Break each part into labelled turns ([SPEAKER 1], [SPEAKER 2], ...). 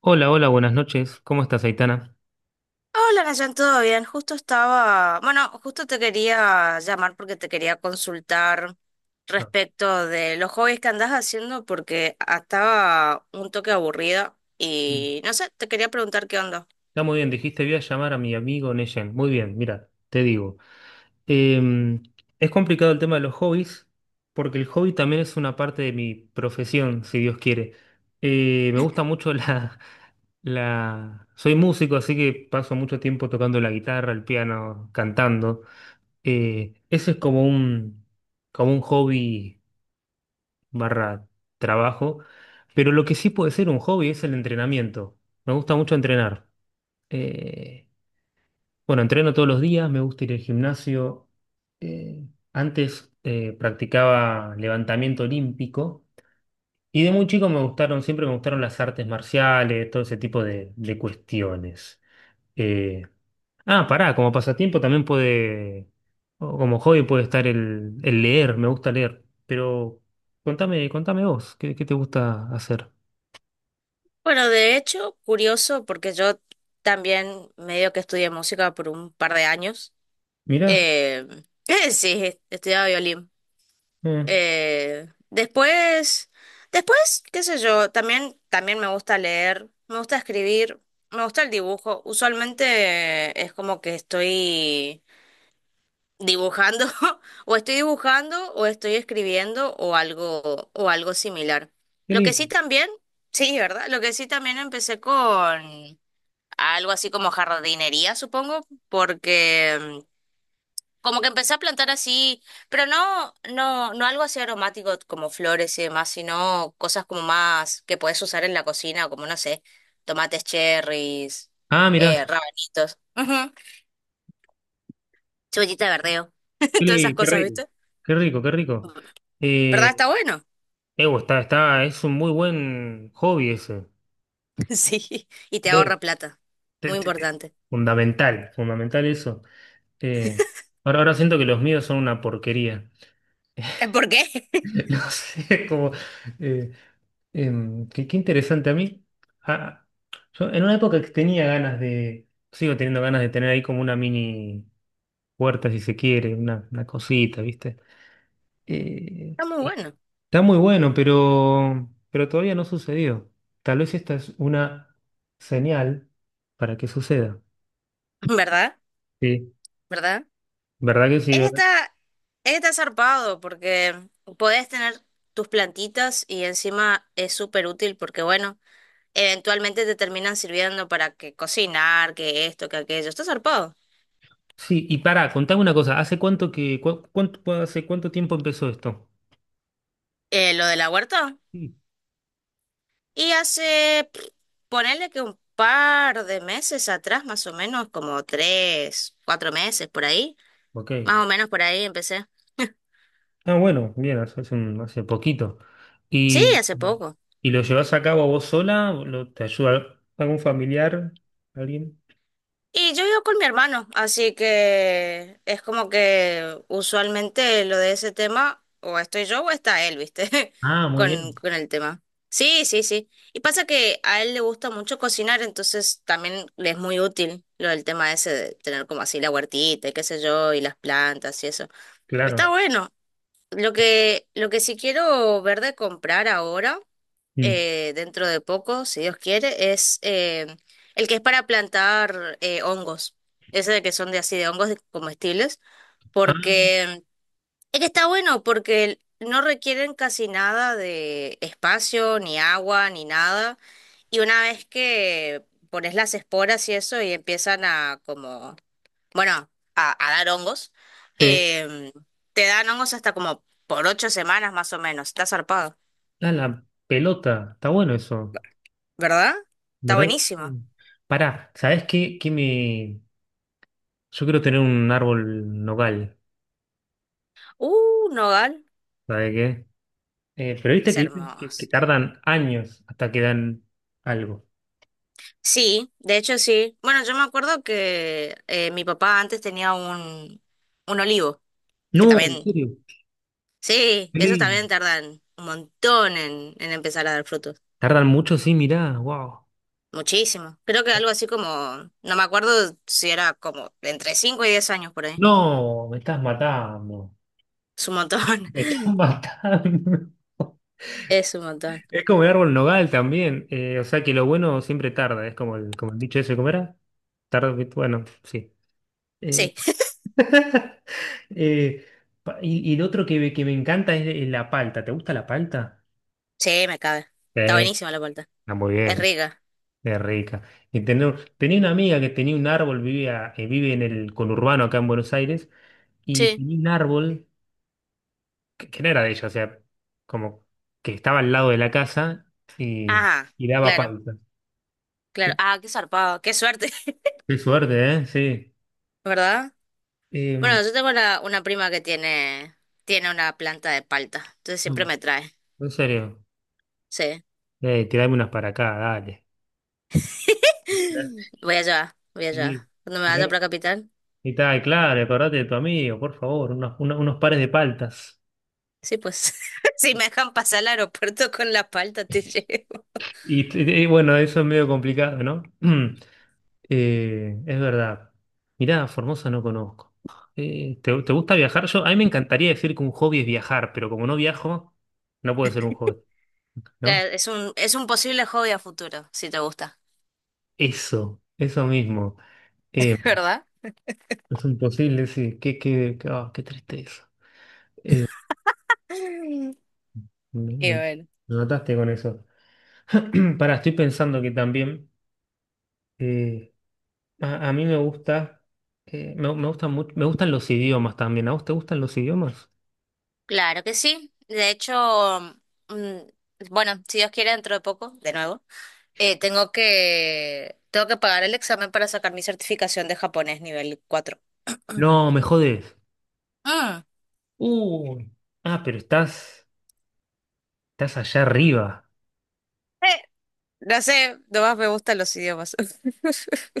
[SPEAKER 1] Hola, hola, buenas noches. ¿Cómo estás, Aitana?
[SPEAKER 2] Hola, Nayan, ¿todo bien? Bueno, justo te quería llamar porque te quería consultar
[SPEAKER 1] No.
[SPEAKER 2] respecto de los hobbies que andás haciendo porque estaba un toque aburrida
[SPEAKER 1] Mm.
[SPEAKER 2] y no sé, te quería preguntar qué onda.
[SPEAKER 1] Está muy bien, dijiste, voy a llamar a mi amigo Neyen. Muy bien, mira, te digo. Em, es complicado el tema de los hobbies, porque el hobby también es una parte de mi profesión, si Dios quiere. Me gusta mucho la... Soy músico, así que paso mucho tiempo tocando la guitarra, el piano, cantando. Ese es como un hobby barra trabajo, pero lo que sí puede ser un hobby es el entrenamiento. Me gusta mucho entrenar. Eh, bueno, entreno todos los días, me gusta ir al gimnasio. Eh, Antes practicaba levantamiento olímpico y de muy chico siempre me gustaron las artes marciales, todo ese tipo de cuestiones. Eh, Ah, pará, como pasatiempo también puede, o como hobby puede estar el leer, me gusta leer, pero contame, contame vos, ¿qué, qué te gusta hacer?
[SPEAKER 2] Bueno, de hecho, curioso porque yo también medio que estudié música por un par de años.
[SPEAKER 1] Mirá,
[SPEAKER 2] Eh, sí, estudiaba violín.
[SPEAKER 1] eh,
[SPEAKER 2] Eh, después, después, qué sé yo, también me gusta leer, me gusta escribir, me gusta el dibujo. Usualmente es como que estoy dibujando, o estoy dibujando, o estoy escribiendo, o algo similar.
[SPEAKER 1] qué
[SPEAKER 2] Lo que sí
[SPEAKER 1] lindo.
[SPEAKER 2] también, sí, ¿verdad? Lo que sí también empecé con algo así como jardinería, supongo, porque como que empecé a plantar así, pero no, no, no algo así aromático como flores y demás, sino cosas como más que puedes usar en la cocina, como no sé, tomates cherries,
[SPEAKER 1] Ah, mirá,
[SPEAKER 2] rabanitos, ujú, cebollita de verdeo, todas esas
[SPEAKER 1] qué
[SPEAKER 2] cosas,
[SPEAKER 1] rico,
[SPEAKER 2] ¿viste?
[SPEAKER 1] qué rico, qué rico.
[SPEAKER 2] ¿Verdad?
[SPEAKER 1] Eh,
[SPEAKER 2] Está bueno.
[SPEAKER 1] Evo, está, es un muy buen hobby ese.
[SPEAKER 2] Sí, y te
[SPEAKER 1] Eh,
[SPEAKER 2] ahorra plata.
[SPEAKER 1] te-
[SPEAKER 2] Muy
[SPEAKER 1] te- te-
[SPEAKER 2] importante.
[SPEAKER 1] Fundamental, fundamental eso. Eh, Ahora, ahora siento que los míos son una porquería.
[SPEAKER 2] ¿Por qué?
[SPEAKER 1] No sé, como... Qué, qué interesante a mí. ah, yo en una época que tenía ganas de, sigo teniendo ganas de tener ahí como una mini puerta, si se quiere, una cosita, ¿viste? Eh,
[SPEAKER 2] Está muy bueno,
[SPEAKER 1] Está muy bueno, pero todavía no sucedió. Tal vez esta es una señal para que suceda.
[SPEAKER 2] ¿verdad?
[SPEAKER 1] Sí,
[SPEAKER 2] ¿Verdad?
[SPEAKER 1] ¿verdad que sí? ¿Verdad?
[SPEAKER 2] Está, está zarpado porque podés tener tus plantitas y encima es súper útil porque, bueno, eventualmente te terminan sirviendo para que cocinar, que esto, que aquello. Está zarpado.
[SPEAKER 1] Sí, y para, contame una cosa, ¿hace cuánto cuánto, hace cuánto tiempo empezó esto?
[SPEAKER 2] Lo de la huerta.
[SPEAKER 1] Sí.
[SPEAKER 2] Y hace, pff, ponerle que un par de meses atrás, más o menos, como 3, 4 meses por ahí,
[SPEAKER 1] Ok.
[SPEAKER 2] más o menos por ahí empecé.
[SPEAKER 1] Ah, bueno, bien, hace poquito.
[SPEAKER 2] Sí, hace poco.
[SPEAKER 1] ¿Y lo llevas a cabo vos sola? ¿Te ayuda algún familiar? ¿Alguien?
[SPEAKER 2] Y yo vivo con mi hermano, así que es como que usualmente lo de ese tema, o estoy yo o está él, ¿viste?
[SPEAKER 1] Ah, muy
[SPEAKER 2] Con,
[SPEAKER 1] bien,
[SPEAKER 2] con el tema. Sí, sí, sí. Y pasa que a él le gusta mucho cocinar, entonces también le es muy útil lo del tema ese de tener como así la huertita y qué sé yo, y las plantas y eso.
[SPEAKER 1] claro.
[SPEAKER 2] Está bueno. Lo que sí quiero ver de comprar ahora
[SPEAKER 1] Mm.
[SPEAKER 2] dentro de poco, si Dios quiere, es el que es para plantar hongos. Ese de que son de así de hongos comestibles,
[SPEAKER 1] Ah,
[SPEAKER 2] porque es que está bueno, porque no requieren casi nada de espacio, ni agua, ni nada. Y una vez que pones las esporas y eso y empiezan a como, bueno, a dar hongos,
[SPEAKER 1] te
[SPEAKER 2] em, te dan hongos hasta como por 8 semanas más o menos. Está zarpado,
[SPEAKER 1] da la pelota. Está bueno eso,
[SPEAKER 2] ¿verdad? Está
[SPEAKER 1] ¿verdad?
[SPEAKER 2] buenísimo.
[SPEAKER 1] Mm. Pará, ¿sabés qué? Qué me... Yo quiero tener un árbol nogal,
[SPEAKER 2] Nogal,
[SPEAKER 1] ¿sabés qué? Pero viste
[SPEAKER 2] es
[SPEAKER 1] que que
[SPEAKER 2] hermoso.
[SPEAKER 1] tardan años hasta que dan algo.
[SPEAKER 2] Sí, de hecho sí. Bueno, yo me acuerdo que mi papá antes tenía un olivo, que
[SPEAKER 1] No, en
[SPEAKER 2] también,
[SPEAKER 1] serio,
[SPEAKER 2] sí,
[SPEAKER 1] qué
[SPEAKER 2] esos
[SPEAKER 1] lindo.
[SPEAKER 2] también tardan un montón en, empezar a dar frutos.
[SPEAKER 1] Tardan mucho, sí, mirá, wow.
[SPEAKER 2] Muchísimo. Creo que algo así como, no me acuerdo si era como entre 5 y 10 años por ahí.
[SPEAKER 1] No, me estás matando.
[SPEAKER 2] Es un montón.
[SPEAKER 1] Me estás matando.
[SPEAKER 2] Es un montón.
[SPEAKER 1] Es como el árbol nogal también. O sea que lo bueno siempre tarda. Es como como el dicho ese, ¿cómo era? Tarda, bueno, sí. Eh,
[SPEAKER 2] Sí,
[SPEAKER 1] eh, y, y el otro que me encanta es la palta. ¿Te gusta la palta?
[SPEAKER 2] sí, me cabe.
[SPEAKER 1] Sí,
[SPEAKER 2] Está buenísima la vuelta.
[SPEAKER 1] está muy
[SPEAKER 2] Es
[SPEAKER 1] bien.
[SPEAKER 2] rica.
[SPEAKER 1] Es rica. Tenía una amiga que tenía un árbol, vivía, vive en el conurbano acá en Buenos Aires, y
[SPEAKER 2] Sí.
[SPEAKER 1] tenía un árbol que no era de ella, o sea, como que estaba al lado de la casa y,
[SPEAKER 2] Ah,
[SPEAKER 1] y daba
[SPEAKER 2] claro,
[SPEAKER 1] palta.
[SPEAKER 2] claro.
[SPEAKER 1] Qué
[SPEAKER 2] Ah, qué zarpado, qué suerte.
[SPEAKER 1] qué suerte, ¿eh? Sí.
[SPEAKER 2] ¿Verdad?
[SPEAKER 1] Em,
[SPEAKER 2] Bueno, yo tengo una prima que tiene una planta de palta, entonces siempre
[SPEAKER 1] Mm.
[SPEAKER 2] me trae.
[SPEAKER 1] En serio.
[SPEAKER 2] Sí.
[SPEAKER 1] Tirame unas para acá, dale.
[SPEAKER 2] Voy allá, voy
[SPEAKER 1] Y,
[SPEAKER 2] allá. Cuando me vaya para Capital,
[SPEAKER 1] y tal, claro, acordate de tu amigo, por favor, unos pares de paltas.
[SPEAKER 2] sí, pues. Si me dejan pasar al aeropuerto con la palta, te llevo.
[SPEAKER 1] Y, y bueno, eso es medio complicado, ¿no? Es verdad. Mirá, Formosa no conozco. ¿Te, te gusta viajar? Yo, a mí me encantaría decir que un hobby es viajar, pero como no viajo, no puede ser un hobby,
[SPEAKER 2] Ya,
[SPEAKER 1] ¿no?
[SPEAKER 2] es un posible hobby a futuro, si te gusta.
[SPEAKER 1] Eso mismo. Eh,
[SPEAKER 2] ¿Verdad?
[SPEAKER 1] es imposible, sí. Qué tristeza.
[SPEAKER 2] Y
[SPEAKER 1] Me, me-
[SPEAKER 2] bueno.
[SPEAKER 1] Me mataste con eso. Para, estoy pensando que también eh, a mí me gusta, me gustan mucho, me gustan los idiomas también. ¿A vos te gustan los idiomas?
[SPEAKER 2] Claro que sí. De hecho, mm, bueno, si Dios quiere, dentro de poco, de nuevo. Tengo que pagar el examen para sacar mi certificación de japonés nivel cuatro.
[SPEAKER 1] No, me jodés.
[SPEAKER 2] Mm,
[SPEAKER 1] Uh, ah, pero estás, estás allá arriba.
[SPEAKER 2] Eh, no sé, nomás me gustan los idiomas.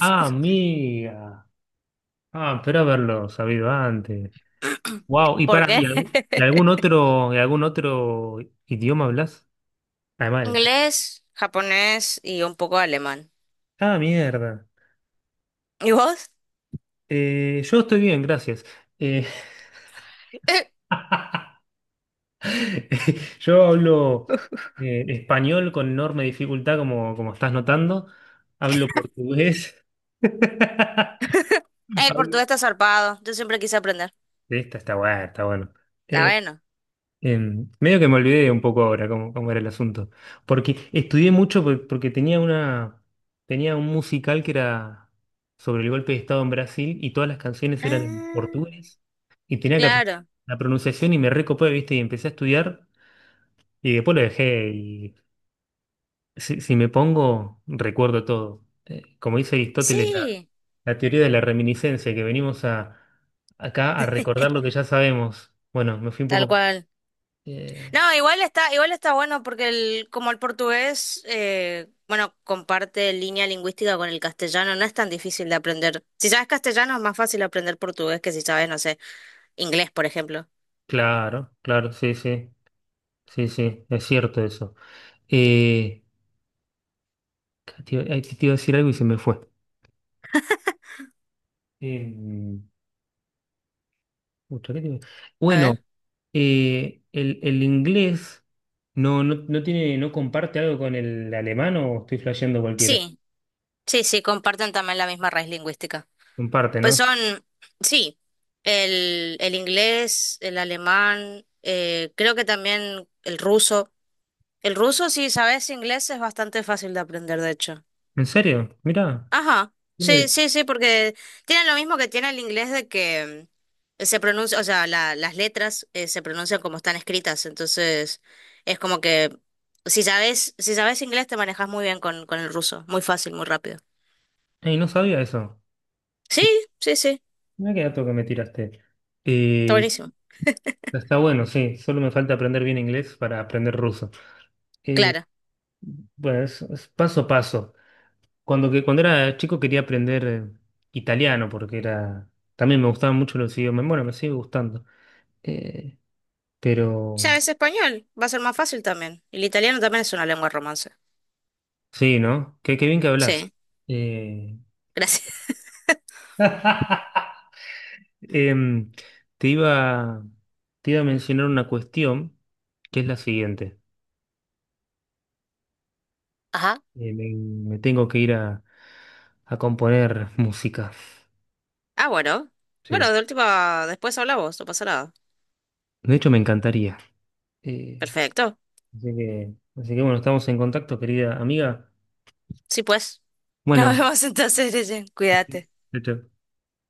[SPEAKER 1] Ah, amiga. Ah, pero haberlo sabido antes. Wow, y
[SPEAKER 2] ¿Por
[SPEAKER 1] para,
[SPEAKER 2] qué?
[SPEAKER 1] ¿y, y algún otro idioma hablas? Además de-
[SPEAKER 2] Inglés, japonés y un poco de alemán.
[SPEAKER 1] Ah, mierda.
[SPEAKER 2] ¿Y vos?
[SPEAKER 1] Yo estoy bien, gracias. Eh,
[SPEAKER 2] Eh,
[SPEAKER 1] Yo hablo español con enorme dificultad, como, como estás notando. Hablo portugués.
[SPEAKER 2] el
[SPEAKER 1] Hablo-
[SPEAKER 2] portugués está zarpado. Yo siempre quise aprender.
[SPEAKER 1] Esta está buena, está bueno.
[SPEAKER 2] La
[SPEAKER 1] Eh,
[SPEAKER 2] bueno.
[SPEAKER 1] Medio que me olvidé un poco ahora cómo, cómo era el asunto. Porque estudié mucho porque tenía tenía un musical que era sobre el golpe de Estado en Brasil y todas las canciones eran en
[SPEAKER 2] Ah,
[SPEAKER 1] portugués y tenía que aprender
[SPEAKER 2] claro.
[SPEAKER 1] la pronunciación y me recopé, ¿viste? Y empecé a estudiar y después lo dejé. Si, si me pongo, recuerdo todo. Como dice Aristóteles,
[SPEAKER 2] Sí,
[SPEAKER 1] la teoría de la reminiscencia, que venimos acá a recordar lo que ya sabemos. Bueno, me fui un
[SPEAKER 2] tal
[SPEAKER 1] poco...
[SPEAKER 2] cual.
[SPEAKER 1] eh,
[SPEAKER 2] No, igual está bueno porque como el portugués, bueno, comparte línea lingüística con el castellano, no es tan difícil de aprender. Si sabes castellano es más fácil aprender portugués que si sabes, no sé, inglés, por ejemplo.
[SPEAKER 1] claro, claro, sí, sí, sí, sí, es cierto eso. Eh, te iba a decir algo y se me fue. Eh, Pucha, ¿qué te iba-
[SPEAKER 2] A
[SPEAKER 1] Bueno,
[SPEAKER 2] ver.
[SPEAKER 1] el inglés no tiene, no comparte algo con el alemán o estoy flasheando cualquiera.
[SPEAKER 2] Sí, sí, sí, comparten también la misma raíz lingüística.
[SPEAKER 1] Comparte,
[SPEAKER 2] Pues
[SPEAKER 1] ¿no?
[SPEAKER 2] son, sí, el inglés, el alemán, creo que también el ruso. El ruso, si sabes inglés, es bastante fácil de aprender, de hecho.
[SPEAKER 1] ¿En serio? Mirá.
[SPEAKER 2] Ajá,
[SPEAKER 1] Yo no
[SPEAKER 2] sí,
[SPEAKER 1] di-
[SPEAKER 2] sí, sí, porque tienen lo mismo que tiene el inglés de que se pronuncia, o sea, las letras se pronuncian como están escritas, entonces es como que si sabes inglés te manejas muy bien con, el ruso, muy fácil, muy rápido.
[SPEAKER 1] Ey, no sabía eso.
[SPEAKER 2] Sí, sí, sí,
[SPEAKER 1] Mirá qué dato que me tiraste.
[SPEAKER 2] está
[SPEAKER 1] Eh,
[SPEAKER 2] buenísimo.
[SPEAKER 1] Está bueno, sí. Solo me falta aprender bien inglés para aprender ruso. Eh,
[SPEAKER 2] Clara.
[SPEAKER 1] bueno, es paso a paso. Cuando era chico quería aprender italiano porque era... También me gustaban mucho los idiomas. Bueno, me sigue gustando. Eh, pero...
[SPEAKER 2] ¿Sabes español? Va a ser más fácil también. Y el italiano también es una lengua romance.
[SPEAKER 1] Sí, ¿no? Qué, qué bien que hablas.
[SPEAKER 2] Sí,
[SPEAKER 1] Eh...
[SPEAKER 2] gracias.
[SPEAKER 1] Em, te iba, te iba a mencionar una cuestión que es la siguiente.
[SPEAKER 2] Ajá.
[SPEAKER 1] Eh, me, Me tengo que ir a componer música.
[SPEAKER 2] Ah, bueno. Bueno,
[SPEAKER 1] Sí.
[SPEAKER 2] de última, después hablamos, no pasa nada.
[SPEAKER 1] De hecho, me encantaría. Eh,
[SPEAKER 2] Perfecto.
[SPEAKER 1] así que bueno, estamos en contacto, querida amiga.
[SPEAKER 2] Sí, pues. Nos
[SPEAKER 1] Bueno,
[SPEAKER 2] vemos entonces, Neyen. Cuídate.
[SPEAKER 1] chao. Chao.